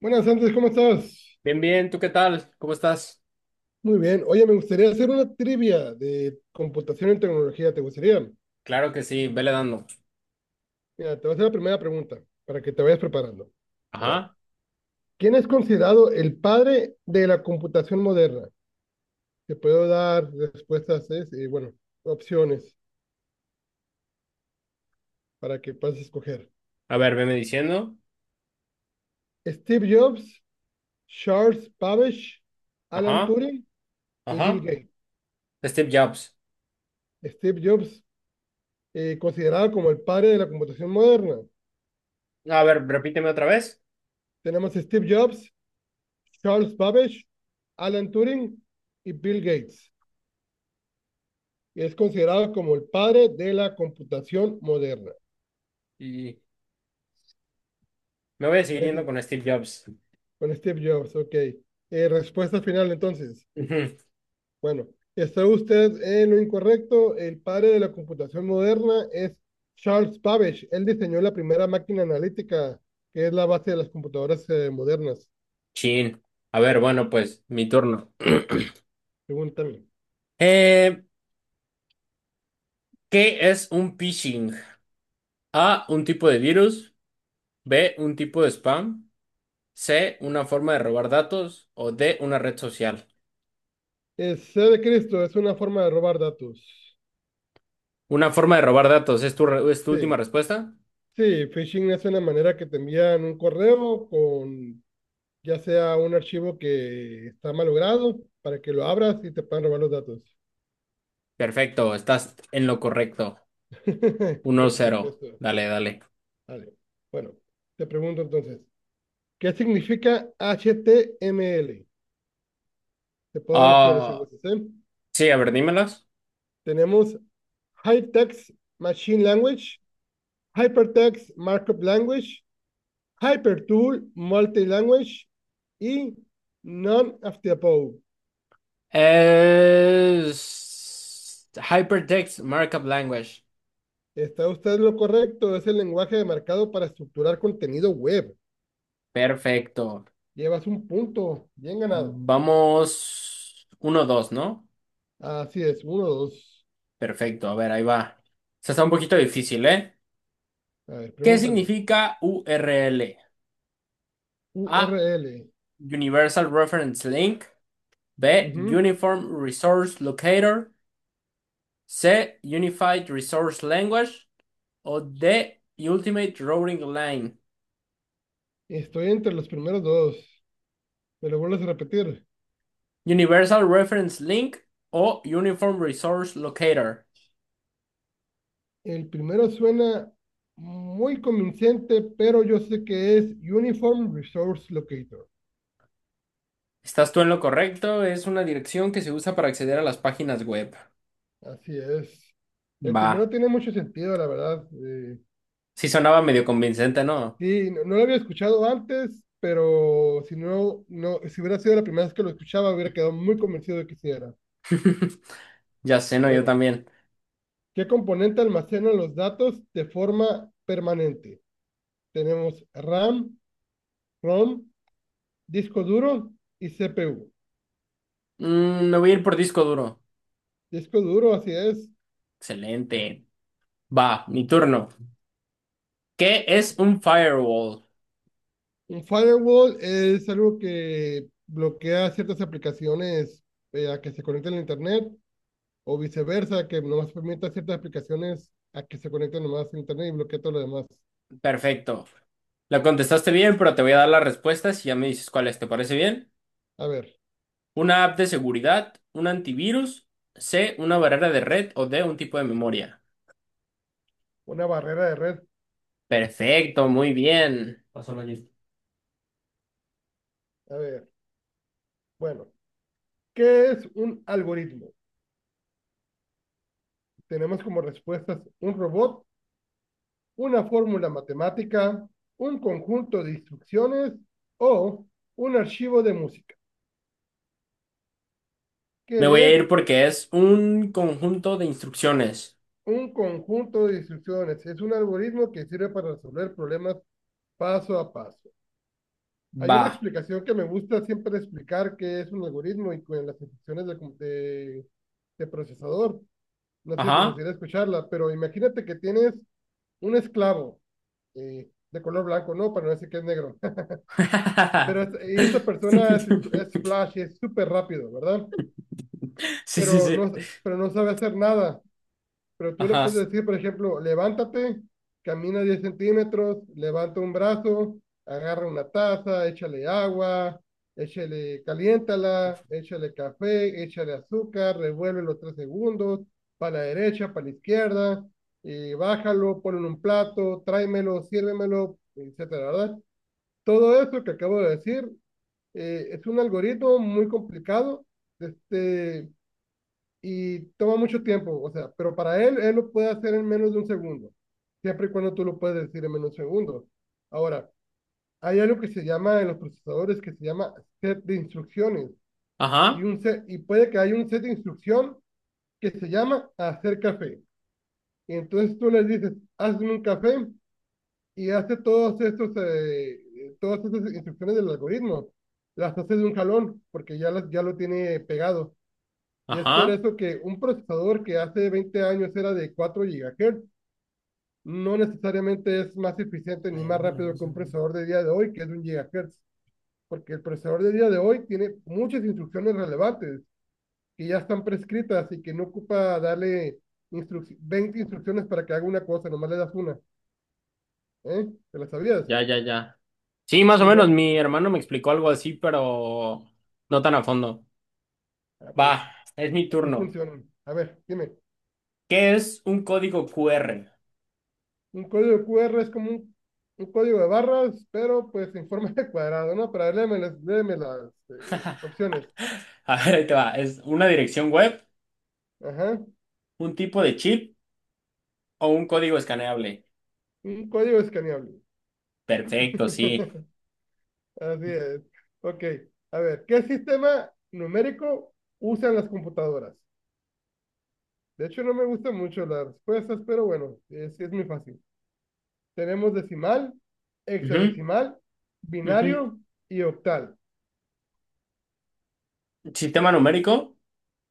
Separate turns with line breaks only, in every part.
Buenas, Andrés, ¿cómo estás?
Bien, bien, ¿tú qué tal? ¿Cómo estás?
Muy bien. Oye, me gustaría hacer una trivia de computación en tecnología. ¿Te gustaría?
Claro que sí, vele dando.
Mira, te voy a hacer la primera pregunta para que te vayas preparando. A ver,
Ajá.
¿quién es considerado el padre de la computación moderna? Te puedo dar respuestas, es, bueno, opciones para que puedas escoger.
A ver, veme diciendo.
Steve Jobs, Charles Babbage, Alan
Ajá.
Turing y Bill
Ajá.
Gates.
Steve Jobs.
Steve Jobs, considerado como el padre de la computación moderna.
A ver, repíteme otra vez.
Tenemos a Steve Jobs, Charles Babbage, Alan Turing y Bill Gates. Y es considerado como el padre de la computación moderna.
Y me voy a seguir
Pues,
yendo con Steve Jobs.
con Steve Jobs, ok. Respuesta final entonces.
Ujú.
Bueno, está usted en lo incorrecto. El padre de la computación moderna es Charles Babbage. Él diseñó la primera máquina analítica, que es la base de las computadoras modernas,
Chin. A ver, bueno, pues, mi turno.
según también.
Eh, ¿qué es un phishing? A, un tipo de virus. B, un tipo de spam. C, una forma de robar datos. O D, una red social.
El C de Cristo es una forma de robar datos.
Una forma de robar datos, es tu última
Sí.
respuesta?
Sí, phishing es una manera que te envían un correo con ya sea un archivo que está malogrado para que lo abras y te puedan robar los datos.
Perfecto, estás en lo correcto. Uno
Por
cero,
supuesto.
dale, dale.
Vale. Bueno, te pregunto entonces, ¿qué significa HTML? Te puedo dar opciones si
Ah,
gustas, ¿eh?
sí, a ver, dímelas.
Tenemos High Text Machine Language, Hypertext Markup Language, Hypertool Multilanguage y None of the Above.
Es Hypertext Markup Language.
Está usted en lo correcto, es el lenguaje de mercado para estructurar contenido web.
Perfecto.
Llevas un punto, bien ganado.
Vamos uno dos, ¿no?
Así es, uno, dos.
Perfecto, a ver, ahí va. Se está un poquito difícil, ¿eh?
A ver,
¿Qué
pregúntame.
significa URL? A.
URL.
Universal Reference Link. B.
Ujú.
Uniform Resource Locator. C. Unified Resource Language. O D, Ultimate Routing Line.
Estoy entre los primeros dos. Me lo vuelves a repetir.
Universal Reference Link o Uniform Resource Locator.
El primero suena muy convincente, pero yo sé que es Uniform Resource Locator.
Estás tú en lo correcto, es una dirección que se usa para acceder a las páginas web.
Así es. El
Va,
primero tiene mucho sentido, la verdad.
sí sonaba medio convincente, ¿no?
Sí, no, no lo había escuchado antes, pero si no, no, si hubiera sido la primera vez que lo escuchaba, hubiera quedado muy convencido de que sí era.
Ya sé, no, yo
Bueno,
también.
¿qué componente almacena los datos de forma permanente? Tenemos RAM, ROM, disco duro y CPU.
Mm, me voy a ir por disco duro.
Disco duro, así es.
Excelente. Va, mi turno. ¿Qué es un firewall?
Un firewall es algo que bloquea ciertas aplicaciones a que se conecten a Internet o viceversa, que nomás permite a ciertas aplicaciones a que se conecten nomás a Internet y bloquea todo lo demás.
Perfecto. La contestaste bien, pero te voy a dar las respuestas y ya me dices cuáles. ¿Te parece bien?
A ver,
Una app de seguridad, un antivirus, C, una barrera de red o D, un tipo de memoria.
una barrera de red.
Perfecto, muy bien. Pásalo allí.
A ver, bueno, ¿qué es un algoritmo? Tenemos como respuestas un robot, una fórmula matemática, un conjunto de instrucciones o un archivo de música. ¿Qué
Me voy a
es
ir porque es un conjunto de instrucciones.
un conjunto de instrucciones? Es un algoritmo que sirve para resolver problemas paso a paso. Hay una
Va.
explicación que me gusta siempre explicar que es un algoritmo y con las instrucciones de procesador. No sé si te
Ajá.
gustaría escucharla, pero imagínate que tienes un esclavo de color blanco, no, para no decir que es negro. Y esta persona es flash, es súper rápido, ¿verdad?
Sí, sí,
Pero
sí.
no, pero no sabe hacer nada. Pero tú le
Ajá.
puedes decir, por ejemplo, levántate, camina 10 centímetros, levanta un brazo, agarra una taza, échale agua, échale, caliéntala, échale café, échale azúcar, revuélvelo 3 segundos, para la derecha, para la izquierda, y bájalo, ponlo en un plato, tráemelo, sírvemelo, etcétera, ¿verdad? Todo eso que acabo de decir es un algoritmo muy complicado. Este, y toma mucho tiempo, o sea, pero para él, él lo puede hacer en menos de un segundo, siempre y cuando tú lo puedes decir en menos de un segundo. Ahora, hay algo que se llama en los procesadores que se llama set de instrucciones y,
Ajá.
un set, y puede que haya un set de instrucción que se llama hacer café. Y entonces tú le dices, hazme un café y hace todos estos, todas estas instrucciones del algoritmo. Las hace de un jalón porque ya, las, ya lo tiene pegado. Y es por
Ajá.
eso que un procesador que hace 20 años era de 4 GHz no necesariamente es más eficiente
La
ni más
llevamos, la
rápido
llevamos,
que
la
un procesador de día de hoy, que es de 1 GHz porque el procesador de día de hoy tiene muchas instrucciones relevantes que ya están prescritas y que no ocupa darle instruc 20 instrucciones para que haga una cosa, nomás le das una. ¿Eh? ¿Te la sabías?
Ya, ya, ya. Sí, más o
Muy
menos.
bueno.
Mi hermano me explicó algo así, pero no tan a fondo.
Ah,
Va,
pues
es mi
así
turno.
funcionan. A ver, dime.
¿Qué es un código QR?
Un código QR es como un código de barras, pero pues en forma de cuadrado, ¿no? Pero a ver, léeme las opciones.
A ver, ahí te va. Es una dirección web,
Ajá.
un tipo de chip o un código escaneable.
Un código escaneable.
Perfecto, sí.
Así es. Ok. A ver, ¿qué sistema numérico usan las computadoras? De hecho, no me gustan mucho las respuestas, pero bueno, es muy fácil. Tenemos decimal,
Ujú,
hexadecimal,
ujú.
binario y octal,
Sistema numérico,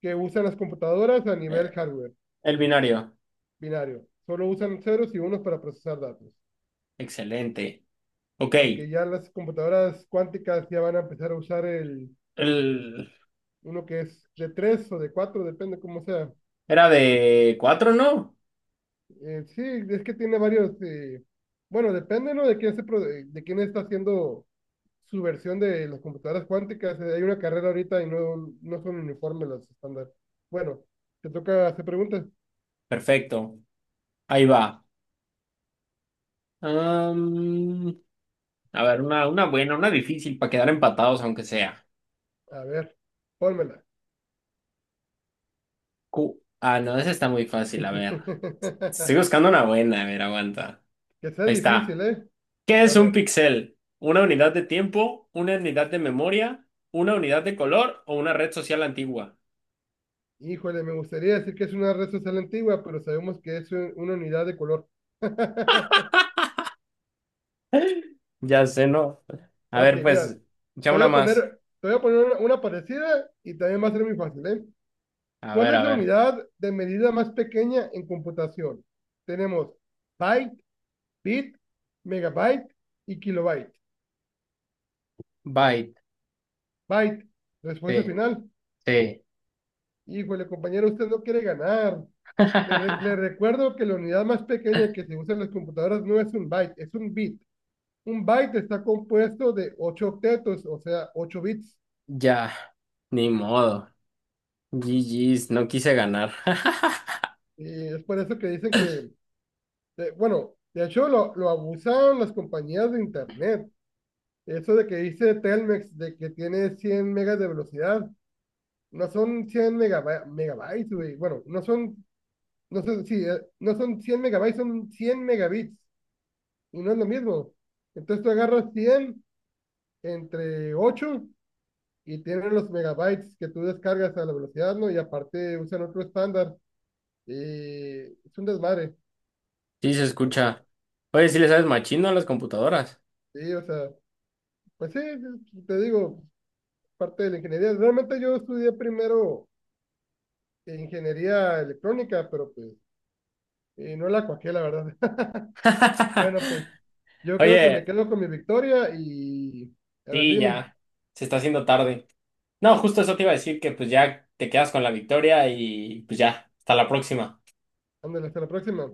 que usan las computadoras a nivel
eh,
hardware,
el binario.
binario. Solo usan ceros y unos para procesar datos.
Excelente. Ok.
Aunque ya las computadoras cuánticas ya van a empezar a usar
El-
uno que es de 3 o de 4 depende cómo sea.
Era de cuatro, ¿no?
Sí, es que tiene varios, bueno, depende, ¿no? De quién está haciendo su versión de las computadoras cuánticas. Hay una carrera ahorita y no, no son uniformes las estándar. Bueno, te toca hacer preguntas.
Perfecto. Ahí va. Am, a ver, una buena, una difícil para quedar empatados, aunque sea.
A ver, pónmela.
Ah, no, esa está muy fácil. A ver. Estoy buscando una buena. A ver, aguanta.
Que sea
Ahí
difícil,
está.
¿eh?
¿Qué
A
es un
ver.
píxel? ¿Una unidad de tiempo, una unidad de memoria, una unidad de color o una red social antigua?
Híjole, me gustaría decir que es una red social antigua, pero sabemos que es una unidad de color.
Ya sé, ¿no? A
Ok,
ver,
mira,
pues, ya una más.
te voy a poner una parecida y también va a ser muy fácil, ¿eh?
A
¿Cuál
ver,
es
a
la
ver.
unidad de medida más pequeña en computación? Tenemos byte, bit, megabyte y kilobyte.
Byte,
Byte, respuesta
sí,
final.
sí.
Híjole, compañero, usted no quiere ganar. Le recuerdo que la unidad más pequeña que se usa en las computadoras no es un byte, es un bit. Un byte está compuesto de 8 octetos, o sea, 8 bits.
Ya, ni modo. GG's, no quise ganar.
Y es por eso que dicen que, de- bueno, de hecho lo abusaron las compañías de Internet. Eso de que dice Telmex de que tiene 100 megas de velocidad, no son 100 megab megabytes, güey. Bueno, no son, sí, no son 100 megabytes, son 100 megabits. Y no es lo mismo. Entonces tú agarras 100 entre 8 y tienen los megabytes que tú descargas a la velocidad, ¿no? Y aparte usan otro estándar. Y es un desmadre.
Sí, se escucha. Oye, ¿sí le sabes machino a las computadoras?
Sí, o sea, pues sí, sí, te digo, parte de la ingeniería. Realmente yo estudié primero ingeniería electrónica, pero pues no la cuajé, la verdad. Bueno, pues yo creo que me
Oye,
quedo con mi victoria y a ver,
sí,
dime,
ya. Se está haciendo tarde. No, justo eso te iba a decir que pues ya te quedas con la victoria y pues ya, hasta la próxima.
ándale, hasta la próxima.